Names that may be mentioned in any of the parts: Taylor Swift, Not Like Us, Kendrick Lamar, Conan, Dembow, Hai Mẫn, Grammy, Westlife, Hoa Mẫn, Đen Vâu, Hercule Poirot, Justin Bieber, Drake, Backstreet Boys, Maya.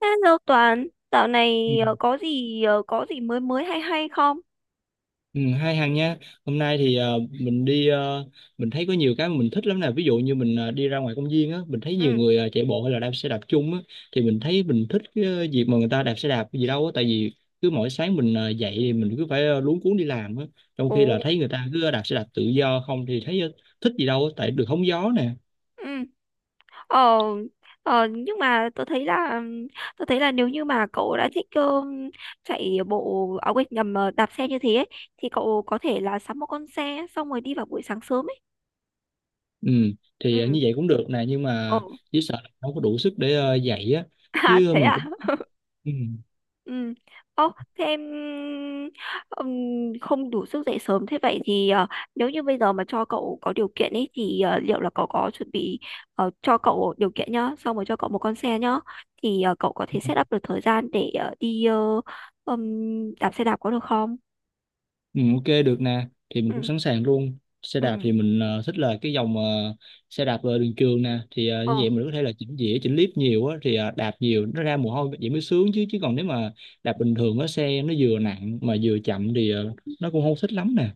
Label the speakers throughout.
Speaker 1: Hello Toàn, dạo
Speaker 2: Ừ,
Speaker 1: này có gì có gì mới mới hay hay không?
Speaker 2: Ừ, hay Hằng nha. Hôm nay thì mình đi mình thấy có nhiều cái mà mình thích lắm nè. Ví dụ như mình đi ra ngoài công viên á, mình thấy nhiều
Speaker 1: Ừ,
Speaker 2: người chạy bộ hay là đạp xe đạp chung á thì mình thấy mình thích cái việc mà người ta đạp xe đạp gì đâu á, tại vì cứ mỗi sáng mình dậy thì mình cứ phải luống cuống đi làm á. Trong
Speaker 1: ồ,
Speaker 2: khi là thấy người ta cứ đạp xe đạp tự do không thì thấy thích gì đâu á, tại được hóng gió nè.
Speaker 1: ừ, ờ, nhưng mà tôi thấy là nếu như mà cậu đã thích chạy bộ áo quên nhầm đạp xe như thế ấy, thì cậu có thể là sắm một con xe xong rồi đi vào buổi sáng sớm ấy.
Speaker 2: Ừ, thì như
Speaker 1: Ừ,
Speaker 2: vậy cũng được nè, nhưng
Speaker 1: ồ,
Speaker 2: mà chỉ sợ là không có đủ sức để dậy á,
Speaker 1: à
Speaker 2: chứ
Speaker 1: thế
Speaker 2: mình
Speaker 1: à?
Speaker 2: cũng ừ.
Speaker 1: Ừ. Ô, thế em ừm, không đủ sức dậy sớm thế vậy thì nếu như bây giờ mà cho cậu có điều kiện ấy thì liệu là cậu có chuẩn bị cho cậu điều kiện nhá, xong rồi cho cậu một con xe nhá thì cậu có thể set up được thời gian để đi đạp xe đạp có được không?
Speaker 2: Ừ, ok được nè, thì mình cũng
Speaker 1: Ừ.
Speaker 2: sẵn sàng luôn. Xe
Speaker 1: Ừ.
Speaker 2: đạp thì mình thích là cái dòng xe đạp đường trường nè, thì như
Speaker 1: Ờ.
Speaker 2: vậy mình có thể là chỉnh dĩa chỉnh líp nhiều á, thì đạp nhiều nó ra mồ hôi vậy mới sướng chứ, chứ còn nếu mà đạp bình thường á, xe nó vừa nặng mà vừa chậm thì nó cũng không thích lắm nè.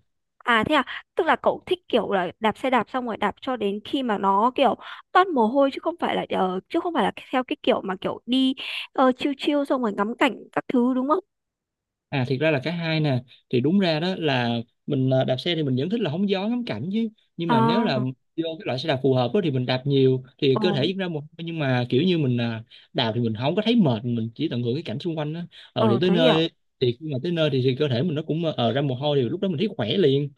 Speaker 1: À thế à, tức là cậu thích kiểu là đạp xe đạp xong rồi đạp cho đến khi mà nó kiểu toát mồ hôi chứ không phải là theo cái kiểu mà kiểu đi chill chill xong rồi ngắm cảnh các thứ đúng không?
Speaker 2: À, thiệt ra là cả hai nè. Thì đúng ra đó là mình đạp xe thì mình vẫn thích là hóng gió ngắm cảnh chứ. Nhưng mà nếu
Speaker 1: À,
Speaker 2: là vô cái loại xe đạp phù hợp đó, thì mình đạp nhiều, thì
Speaker 1: ờ,
Speaker 2: cơ thể diễn ra một, nhưng mà kiểu như mình đạp thì mình không có thấy mệt. Mình chỉ tận hưởng cái cảnh xung quanh đó. Ờ thì
Speaker 1: ờ
Speaker 2: tới
Speaker 1: tớ hiểu.
Speaker 2: nơi, thì khi mà tới nơi thì cơ thể mình nó cũng ra mồ hôi, thì lúc đó mình thấy khỏe liền.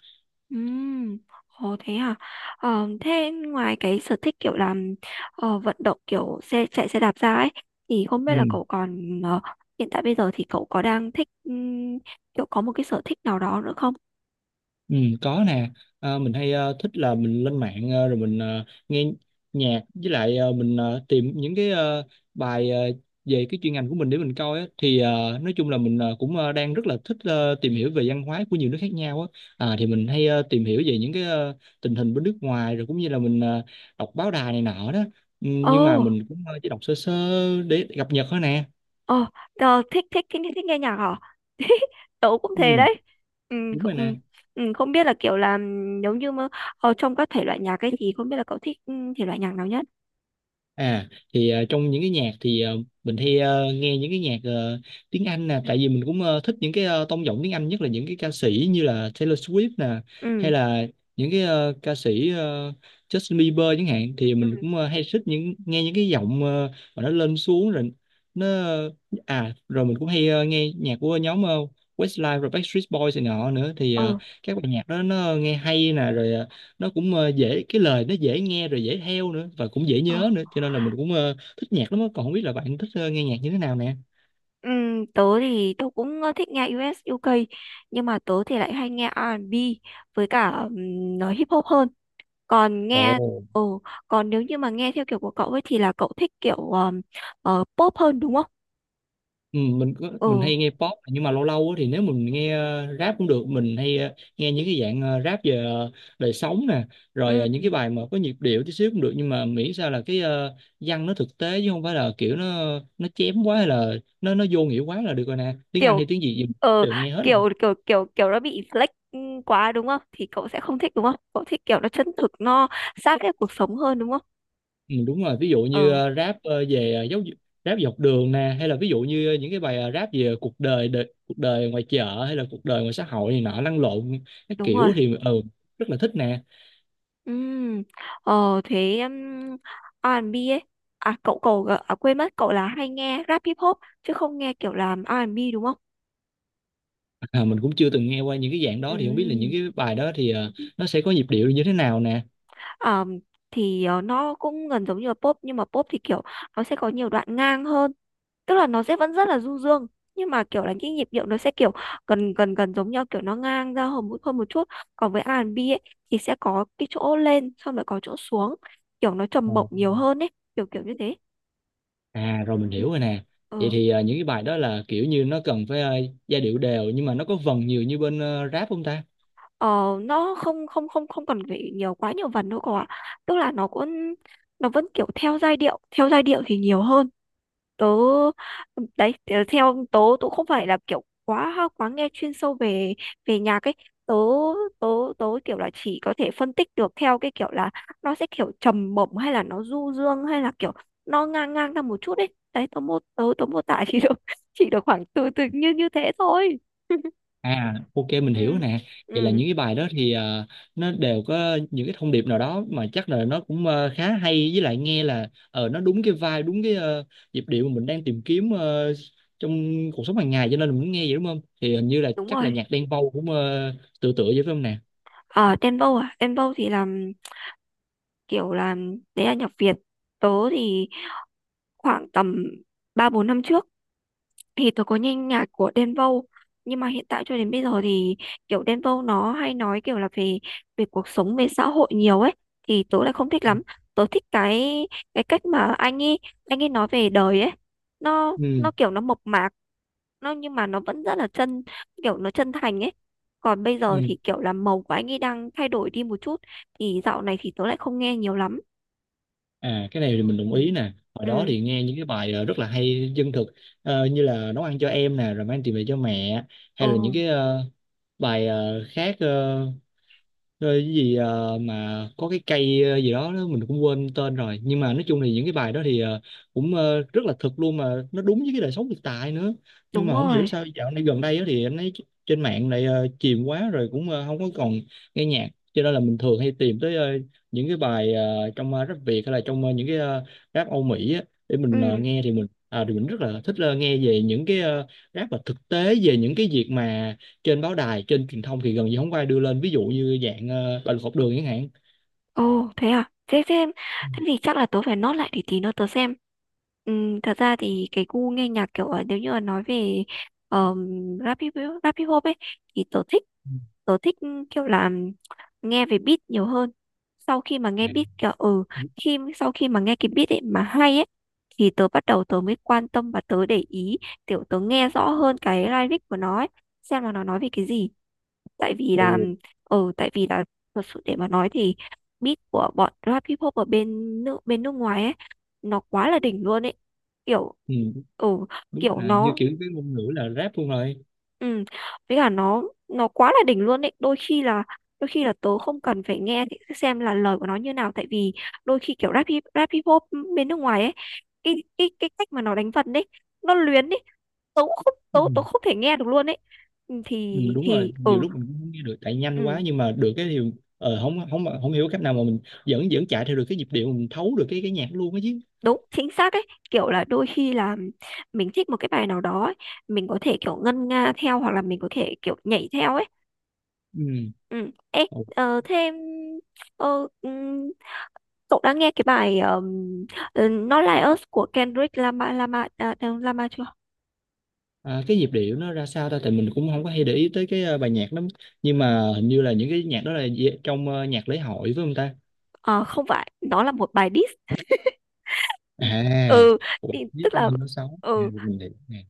Speaker 1: Ừm, ồ thế à. Ờ, thế ngoài cái sở thích kiểu làm vận động kiểu xe chạy xe đạp ra ấy thì không biết
Speaker 2: Ừ.
Speaker 1: là cậu còn hiện tại bây giờ thì cậu có đang thích kiểu có một cái sở thích nào đó nữa không?
Speaker 2: Ừ, có nè. À, mình hay thích là mình lên mạng rồi mình nghe nhạc, với lại mình tìm những cái bài về cái chuyên ngành của mình để mình coi á, thì nói chung là mình cũng đang rất là thích tìm hiểu về văn hóa của nhiều nước khác nhau á. À, thì mình hay tìm hiểu về những cái tình hình bên nước ngoài, rồi cũng như là mình đọc báo đài này nọ đó. Ừ, nhưng mà
Speaker 1: Ồ.
Speaker 2: mình cũng chỉ đọc sơ sơ để cập nhật thôi nè.
Speaker 1: Ồ, ờ, thích, thích thích thích nghe nhạc hả? Tớ cũng
Speaker 2: Ừ,
Speaker 1: thế đấy. Ừ,
Speaker 2: đúng
Speaker 1: không,
Speaker 2: rồi
Speaker 1: ừ,
Speaker 2: nè.
Speaker 1: ừ, không biết là kiểu là nếu như mà trong các thể loại nhạc ấy thì không biết là cậu thích thể loại nhạc nào nhất?
Speaker 2: À thì trong những cái nhạc thì mình hay nghe những cái nhạc tiếng Anh nè, tại vì mình cũng thích những cái tông giọng tiếng Anh, nhất là những cái ca sĩ như là Taylor Swift nè, hay
Speaker 1: Ừ.
Speaker 2: là những cái ca sĩ Justin Bieber chẳng hạn, thì
Speaker 1: Ừ.
Speaker 2: mình cũng hay thích những nghe những cái giọng mà nó lên xuống, rồi nó, à rồi mình cũng hay nghe nhạc của nhóm Westlife rồi Backstreet Boys này nọ nữa, thì
Speaker 1: Ờ,
Speaker 2: các bài nhạc đó nó nghe hay nè, rồi nó cũng dễ, cái lời nó dễ nghe rồi dễ theo nữa và cũng dễ
Speaker 1: ờ.
Speaker 2: nhớ nữa, cho nên là mình cũng thích nhạc lắm á. Còn không biết là bạn thích nghe nhạc như thế nào nè.
Speaker 1: Tớ thì tớ cũng thích nghe US UK, nhưng mà tớ thì lại hay nghe R&B với cả nó hip hop hơn. Còn nghe
Speaker 2: Ồ.
Speaker 1: còn nếu như mà nghe theo kiểu của cậu ấy thì là cậu thích kiểu pop hơn đúng không?
Speaker 2: Ừ, mình mình
Speaker 1: Ừ.
Speaker 2: hay nghe pop, nhưng mà lâu lâu á, thì nếu mình nghe rap cũng được, mình hay nghe những cái dạng rap về đời sống nè, rồi
Speaker 1: Ừ.
Speaker 2: những cái bài mà có nhịp điệu tí xíu cũng được, nhưng mà miễn sao là cái văn nó thực tế, chứ không phải là kiểu nó chém quá, hay là nó vô nghĩa quá là được rồi nè, tiếng Anh hay
Speaker 1: kiểu
Speaker 2: tiếng gì gì mình
Speaker 1: ờ
Speaker 2: đều nghe hết.
Speaker 1: kiểu kiểu kiểu kiểu nó bị flex quá đúng không, thì cậu sẽ không thích đúng không, cậu thích kiểu nó chân thực, nó sát với cuộc sống hơn đúng không?
Speaker 2: Ừ, đúng rồi, ví dụ như
Speaker 1: Ờ,
Speaker 2: rap về giáo dục, rap dọc đường nè, hay là ví dụ như những cái bài rap về cuộc đời, cuộc đời ngoài chợ, hay là cuộc đời ngoài xã hội này nọ lăn lộn, cái
Speaker 1: đúng
Speaker 2: kiểu
Speaker 1: rồi.
Speaker 2: thì ừ, rất là thích nè.
Speaker 1: Ừm, thế R&B ấy, à cậu cậu gợ- à, quên mất, cậu là hay nghe rap hip hop chứ không nghe kiểu làm R&B đúng không?
Speaker 2: À, mình cũng chưa từng nghe qua những cái dạng đó, thì không biết là những
Speaker 1: Ừm,
Speaker 2: cái bài đó thì nó sẽ có nhịp điệu như thế nào nè.
Speaker 1: ờm, thì nó cũng gần giống như là pop nhưng mà pop thì kiểu nó sẽ có nhiều đoạn ngang hơn, tức là nó sẽ vẫn rất là du dương, nhưng mà kiểu là cái nhịp điệu nó sẽ kiểu gần gần gần giống nhau, kiểu nó ngang ra hơn một chút. Còn với R&B ấy thì sẽ có cái chỗ lên xong lại có chỗ xuống, kiểu nó trầm bổng
Speaker 2: Ồ.
Speaker 1: nhiều hơn ấy, kiểu kiểu như thế.
Speaker 2: À rồi mình
Speaker 1: Ừ.
Speaker 2: hiểu rồi
Speaker 1: ừ.
Speaker 2: nè. Vậy
Speaker 1: Ờ,
Speaker 2: thì những cái bài đó là kiểu như nó cần phải giai điệu đều, nhưng mà nó có vần nhiều như bên rap không ta?
Speaker 1: ờ, nó không không cần phải nhiều quá nhiều vần đâu cậu ạ, tức là nó cũng nó vẫn kiểu theo giai điệu, theo giai điệu thì nhiều hơn. tớ Theo tớ, tớ không phải là kiểu quá quá nghe chuyên sâu về về nhạc ấy. Tớ tớ tớ kiểu là chỉ có thể phân tích được theo cái kiểu là nó sẽ kiểu trầm bổng hay là nó du dương hay là kiểu nó ngang ngang ra một chút ấy. Đấy tớ mô tớ tớ mô tả chỉ được chỉ được khoảng từ từ như như thế thôi.
Speaker 2: À, ok mình
Speaker 1: ừ
Speaker 2: hiểu nè. Vậy là
Speaker 1: ừ
Speaker 2: những cái bài đó thì nó đều có những cái thông điệp nào đó mà chắc là nó cũng khá hay, với lại nghe là ờ nó đúng cái vibe, đúng cái nhịp điệu mà mình đang tìm kiếm trong cuộc sống hàng ngày, cho nên là mình muốn nghe vậy đúng không? Thì hình như là
Speaker 1: đúng
Speaker 2: chắc là
Speaker 1: rồi.
Speaker 2: nhạc Đen Vâu cũng tựa tựa vậy phải không nè?
Speaker 1: Ở Dembow, à Dembow thì là kiểu là đấy là nhạc Việt. Tớ thì khoảng tầm 3 4 năm trước thì tôi có nghe nhạc của Đen Vâu, nhưng mà hiện tại cho đến bây giờ thì kiểu Đen Vâu nó hay nói kiểu là về về cuộc sống về xã hội nhiều ấy, thì tớ lại không thích lắm. Tớ thích cái cách mà anh ấy nói về đời ấy,
Speaker 2: Ừ,
Speaker 1: nó kiểu nó mộc mạc, nó nhưng mà nó vẫn rất là chân, kiểu nó chân thành ấy. Còn bây
Speaker 2: ừ.
Speaker 1: giờ thì kiểu là màu của anh ấy đang thay đổi đi một chút, thì dạo này thì tớ lại không nghe nhiều lắm.
Speaker 2: À cái này thì mình đồng
Speaker 1: Ừ
Speaker 2: ý nè. Hồi đó
Speaker 1: ừ,
Speaker 2: thì nghe những cái bài rất là hay chân thực, như là nấu ăn cho em nè, rồi mang tiền về cho mẹ, hay là những
Speaker 1: ừ
Speaker 2: cái bài khác rồi cái gì mà có cái cây gì đó, đó mình cũng quên tên rồi, nhưng mà nói chung thì những cái bài đó thì cũng rất là thực luôn, mà nó đúng với cái đời sống thực tại nữa. Nhưng mà
Speaker 1: đúng
Speaker 2: không hiểu
Speaker 1: rồi
Speaker 2: sao dạo này gần đây á, thì anh ấy trên mạng lại chìm quá rồi, cũng không có còn nghe nhạc, cho nên là mình thường hay tìm tới những cái bài trong rap Việt, hay là trong những cái rap Âu Mỹ á, để mình
Speaker 1: ừ.
Speaker 2: nghe, thì mình à, thì mình rất là thích nghe về những cái rap mà thực tế về những cái việc mà trên báo đài trên truyền thông thì gần như không có ai đưa lên, ví dụ như dạng, bạo lực học đường chẳng hạn.
Speaker 1: Ồ, thế à? Thế xem, thế thì chắc là tớ phải nốt lại để tí nữa tớ xem. Thật ra thì cái gu nghe nhạc kiểu nếu như là nói về um, rap, hip, rap hip hop ấy thì tớ thích tớ thích kiểu là nghe về beat nhiều hơn. Sau khi mà
Speaker 2: À,
Speaker 1: nghe beat kiểu ừ,
Speaker 2: ừm,
Speaker 1: sau khi mà nghe cái beat ấy mà hay ấy thì tớ bắt đầu tớ mới quan tâm và tớ để ý kiểu tớ nghe rõ hơn cái lyric của nó ấy, xem là nó nói về cái gì. tại vì là
Speaker 2: ồ,
Speaker 1: Tại vì là thật sự để mà nói thì beat của bọn rap hip hop ở bên bên nước ngoài ấy nó quá là đỉnh luôn ấy, kiểu
Speaker 2: ừ,
Speaker 1: ừ
Speaker 2: đúng
Speaker 1: kiểu
Speaker 2: là như,
Speaker 1: nó
Speaker 2: kiểu, cái ngôn ngữ là rap luôn rồi.
Speaker 1: ừ. Với cả nó quá là đỉnh luôn ấy, đôi khi là tớ không cần phải nghe thì xem là lời của nó như nào. Tại vì đôi khi kiểu rap hip hop bên nước ngoài ấy, cái cách mà nó đánh vần ấy, nó luyến ấy, tớ
Speaker 2: Ừm,
Speaker 1: không thể nghe được luôn ấy. Ừ,
Speaker 2: đúng rồi,
Speaker 1: thì
Speaker 2: nhiều
Speaker 1: ừ
Speaker 2: lúc mình cũng không nghe được tại nhanh quá,
Speaker 1: ừ
Speaker 2: nhưng mà được cái điều không không hổng hiểu cách nào mà mình vẫn vẫn chạy theo được cái nhịp điệu, mình thấu được cái nhạc luôn á chứ.
Speaker 1: đúng chính xác ấy, kiểu là đôi khi là mình thích một cái bài nào đó ấy, mình có thể kiểu ngân nga theo hoặc là mình có thể kiểu nhảy theo ấy.
Speaker 2: Ừm,
Speaker 1: Ừ Ê,
Speaker 2: ồ,
Speaker 1: ờ, thêm ờ, ừm, cậu đã nghe cái bài Not Like Us của Kendrick Lamar Lamar à, đâu, Lamar chưa?
Speaker 2: à, cái nhịp điệu nó ra sao ta? Thì mình cũng không có hay để ý tới cái, a, bài nhạc lắm, nhưng mà hình như là những cái nhạc đó là d trong, ơ, nhạc lễ hội, phải hông ta?
Speaker 1: Ờ, không, phải nó là một bài diss.
Speaker 2: À,
Speaker 1: Ừ
Speaker 2: ủa,
Speaker 1: Thì,
Speaker 2: biết
Speaker 1: tức
Speaker 2: bao
Speaker 1: là
Speaker 2: nhiêu nó xấu à,
Speaker 1: ừ
Speaker 2: được mình hiểu nè.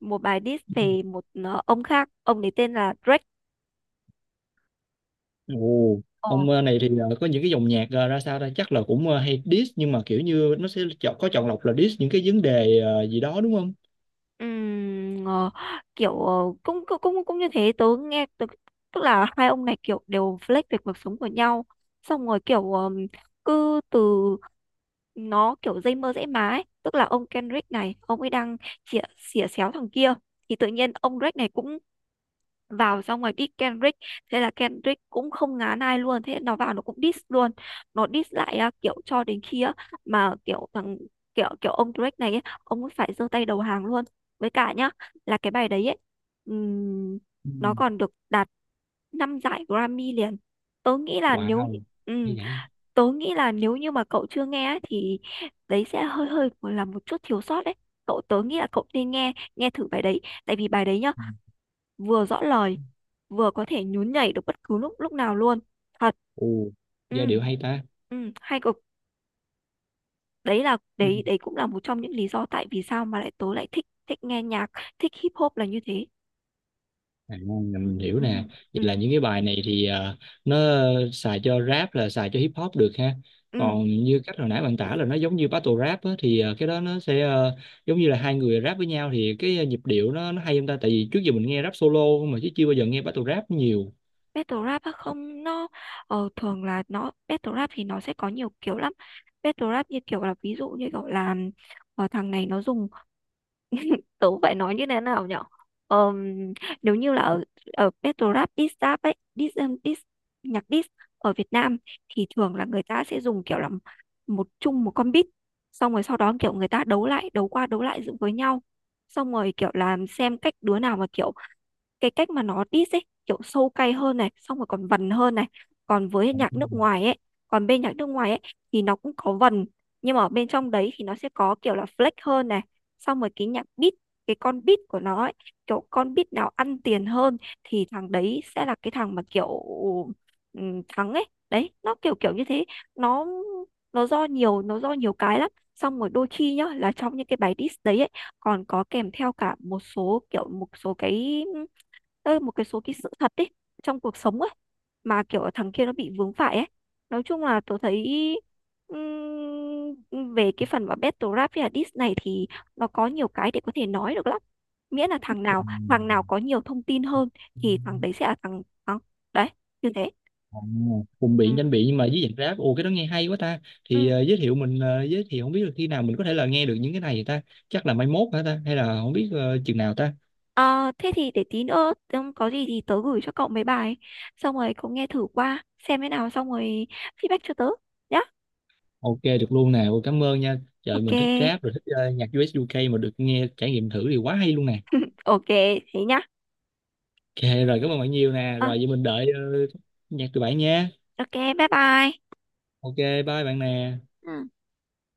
Speaker 1: một bài diss
Speaker 2: Ừ.
Speaker 1: về một ông khác, ông ấy tên là Drake.
Speaker 2: Ồ,
Speaker 1: Ờ,
Speaker 2: ông này thì có những cái dòng nhạc ra sao đây, chắc là cũng hay diss, nhưng mà kiểu như nó sẽ chọn có chọn lọc là diss những cái vấn đề gì đó đúng không?
Speaker 1: Ừm, ờ, kiểu ờ, cũng cũng cũng cũng như thế tớ nghe tớ, tức là hai ông này kiểu đều flex về cuộc sống của nhau, xong rồi kiểu cứ từ nó kiểu dây mơ dễ má ấy. Tức là ông Kendrick này ông ấy đang chĩa xỉa xéo thằng kia, thì tự nhiên ông Drake này cũng vào xong rồi diss Kendrick, thế là Kendrick cũng không ngán ai luôn, thế nó vào nó cũng diss luôn, nó diss lại à, kiểu cho đến khi á, mà kiểu kiểu ông Drake này ấy, ông ấy phải giơ tay đầu hàng luôn. Với cả nhá là cái bài đấy ấy, ừm,
Speaker 2: Ừ.
Speaker 1: nó còn được đạt 5 giải Grammy liền. tớ nghĩ là
Speaker 2: Wow,
Speaker 1: nếu
Speaker 2: hay
Speaker 1: như- ừm,
Speaker 2: vậy.
Speaker 1: tớ nghĩ là nếu như mà cậu chưa nghe ấy, thì đấy sẽ hơi hơi là một chút thiếu sót đấy. Tớ nghĩ là cậu nên nghe nghe thử bài đấy, tại vì bài đấy nhá
Speaker 2: Ừ.
Speaker 1: vừa rõ lời, vừa có thể nhún nhảy được bất cứ lúc lúc nào luôn, thật.
Speaker 2: Ồ, giai
Speaker 1: Ừ
Speaker 2: điệu hay ta.
Speaker 1: ừ hay cực. Đấy là
Speaker 2: Ừ.
Speaker 1: đấy đấy cũng là một trong những lý do tại vì sao mà tớ lại thích thích nghe nhạc, thích hip hop là như thế.
Speaker 2: À, mình hiểu
Speaker 1: Ừ
Speaker 2: nè. Vậy là
Speaker 1: ừ
Speaker 2: những cái bài này thì nó xài cho rap là xài cho hip hop được ha.
Speaker 1: ừ
Speaker 2: Còn như cách hồi nãy bạn tả là nó giống như battle rap á, thì cái đó nó sẽ giống như là hai người rap với nhau, thì cái nhịp điệu nó hay không ta? Tại vì trước giờ mình nghe rap solo mà chứ chưa bao giờ nghe battle rap nhiều.
Speaker 1: battle rap á, không, nó thường là nó battle rap thì nó sẽ có nhiều kiểu lắm. Battle rap như kiểu là ví dụ như kiểu là thằng này nó dùng tớ phải nói như thế nào nhở. Ờm, nếu như là ở ở battle rap diss rap ấy diss nhạc diss ở Việt Nam, thì thường là người ta sẽ dùng kiểu là chung một con beat, xong rồi sau đó kiểu người ta đấu lại đấu qua đấu lại dựng với nhau, xong rồi kiểu là xem cách đứa nào mà kiểu cái cách mà nó diss ấy kiểu sâu cay hơn này, xong rồi còn vần hơn này. còn với nhạc nước ngoài ấy Còn bên nhạc nước ngoài ấy thì nó cũng có vần, nhưng mà ở bên trong đấy thì nó sẽ có kiểu là flex hơn này, xong rồi cái nhạc beat cái con beat của nó ấy, kiểu con beat nào ăn tiền hơn thì thằng đấy sẽ là cái thằng mà kiểu thắng ấy, đấy nó kiểu kiểu như thế. nó nó do nhiều cái lắm. Xong rồi đôi khi nhá là trong những cái bài diss đấy ấy, còn có kèm theo cả một số kiểu một số cái Ơ, một cái số cái sự thật ấy trong cuộc sống ấy, mà kiểu thằng kia nó bị vướng phải ấy. Nói chung là tôi thấy về cái phần mà battle rap với là diss này thì nó có nhiều cái để có thể nói được lắm, miễn là thằng nào có nhiều thông tin hơn
Speaker 2: Ừ.
Speaker 1: thì thằng đấy sẽ là thằng thắng đấy, như thế.
Speaker 2: À, cùng biện
Speaker 1: Ừ.
Speaker 2: tranh biện nhưng mà với dạng rap, ồ cái đó nghe hay quá ta, thì
Speaker 1: ừ.
Speaker 2: giới thiệu mình giới thiệu, không biết là khi nào mình có thể là nghe được những cái này ta? Chắc là mai mốt hả ta, hay là không biết chừng nào ta?
Speaker 1: Ờ, thế thì để tí nữa có gì thì tớ gửi cho cậu mấy bài, xong rồi cậu nghe thử qua xem thế nào, xong rồi feedback cho tớ nhá.
Speaker 2: Ok được luôn nè. Ôi, cảm ơn nha. Trời
Speaker 1: Ok
Speaker 2: mình thích rap rồi thích nhạc US UK mà được nghe trải nghiệm thử thì quá hay luôn nè.
Speaker 1: ok thế nhá.
Speaker 2: Ok rồi cảm ơn bạn nhiều nè.
Speaker 1: Ờ,
Speaker 2: Rồi vậy mình đợi nhạc từ bạn nha.
Speaker 1: Ok, bye bye.
Speaker 2: Ok bye bạn nè.
Speaker 1: Ừ.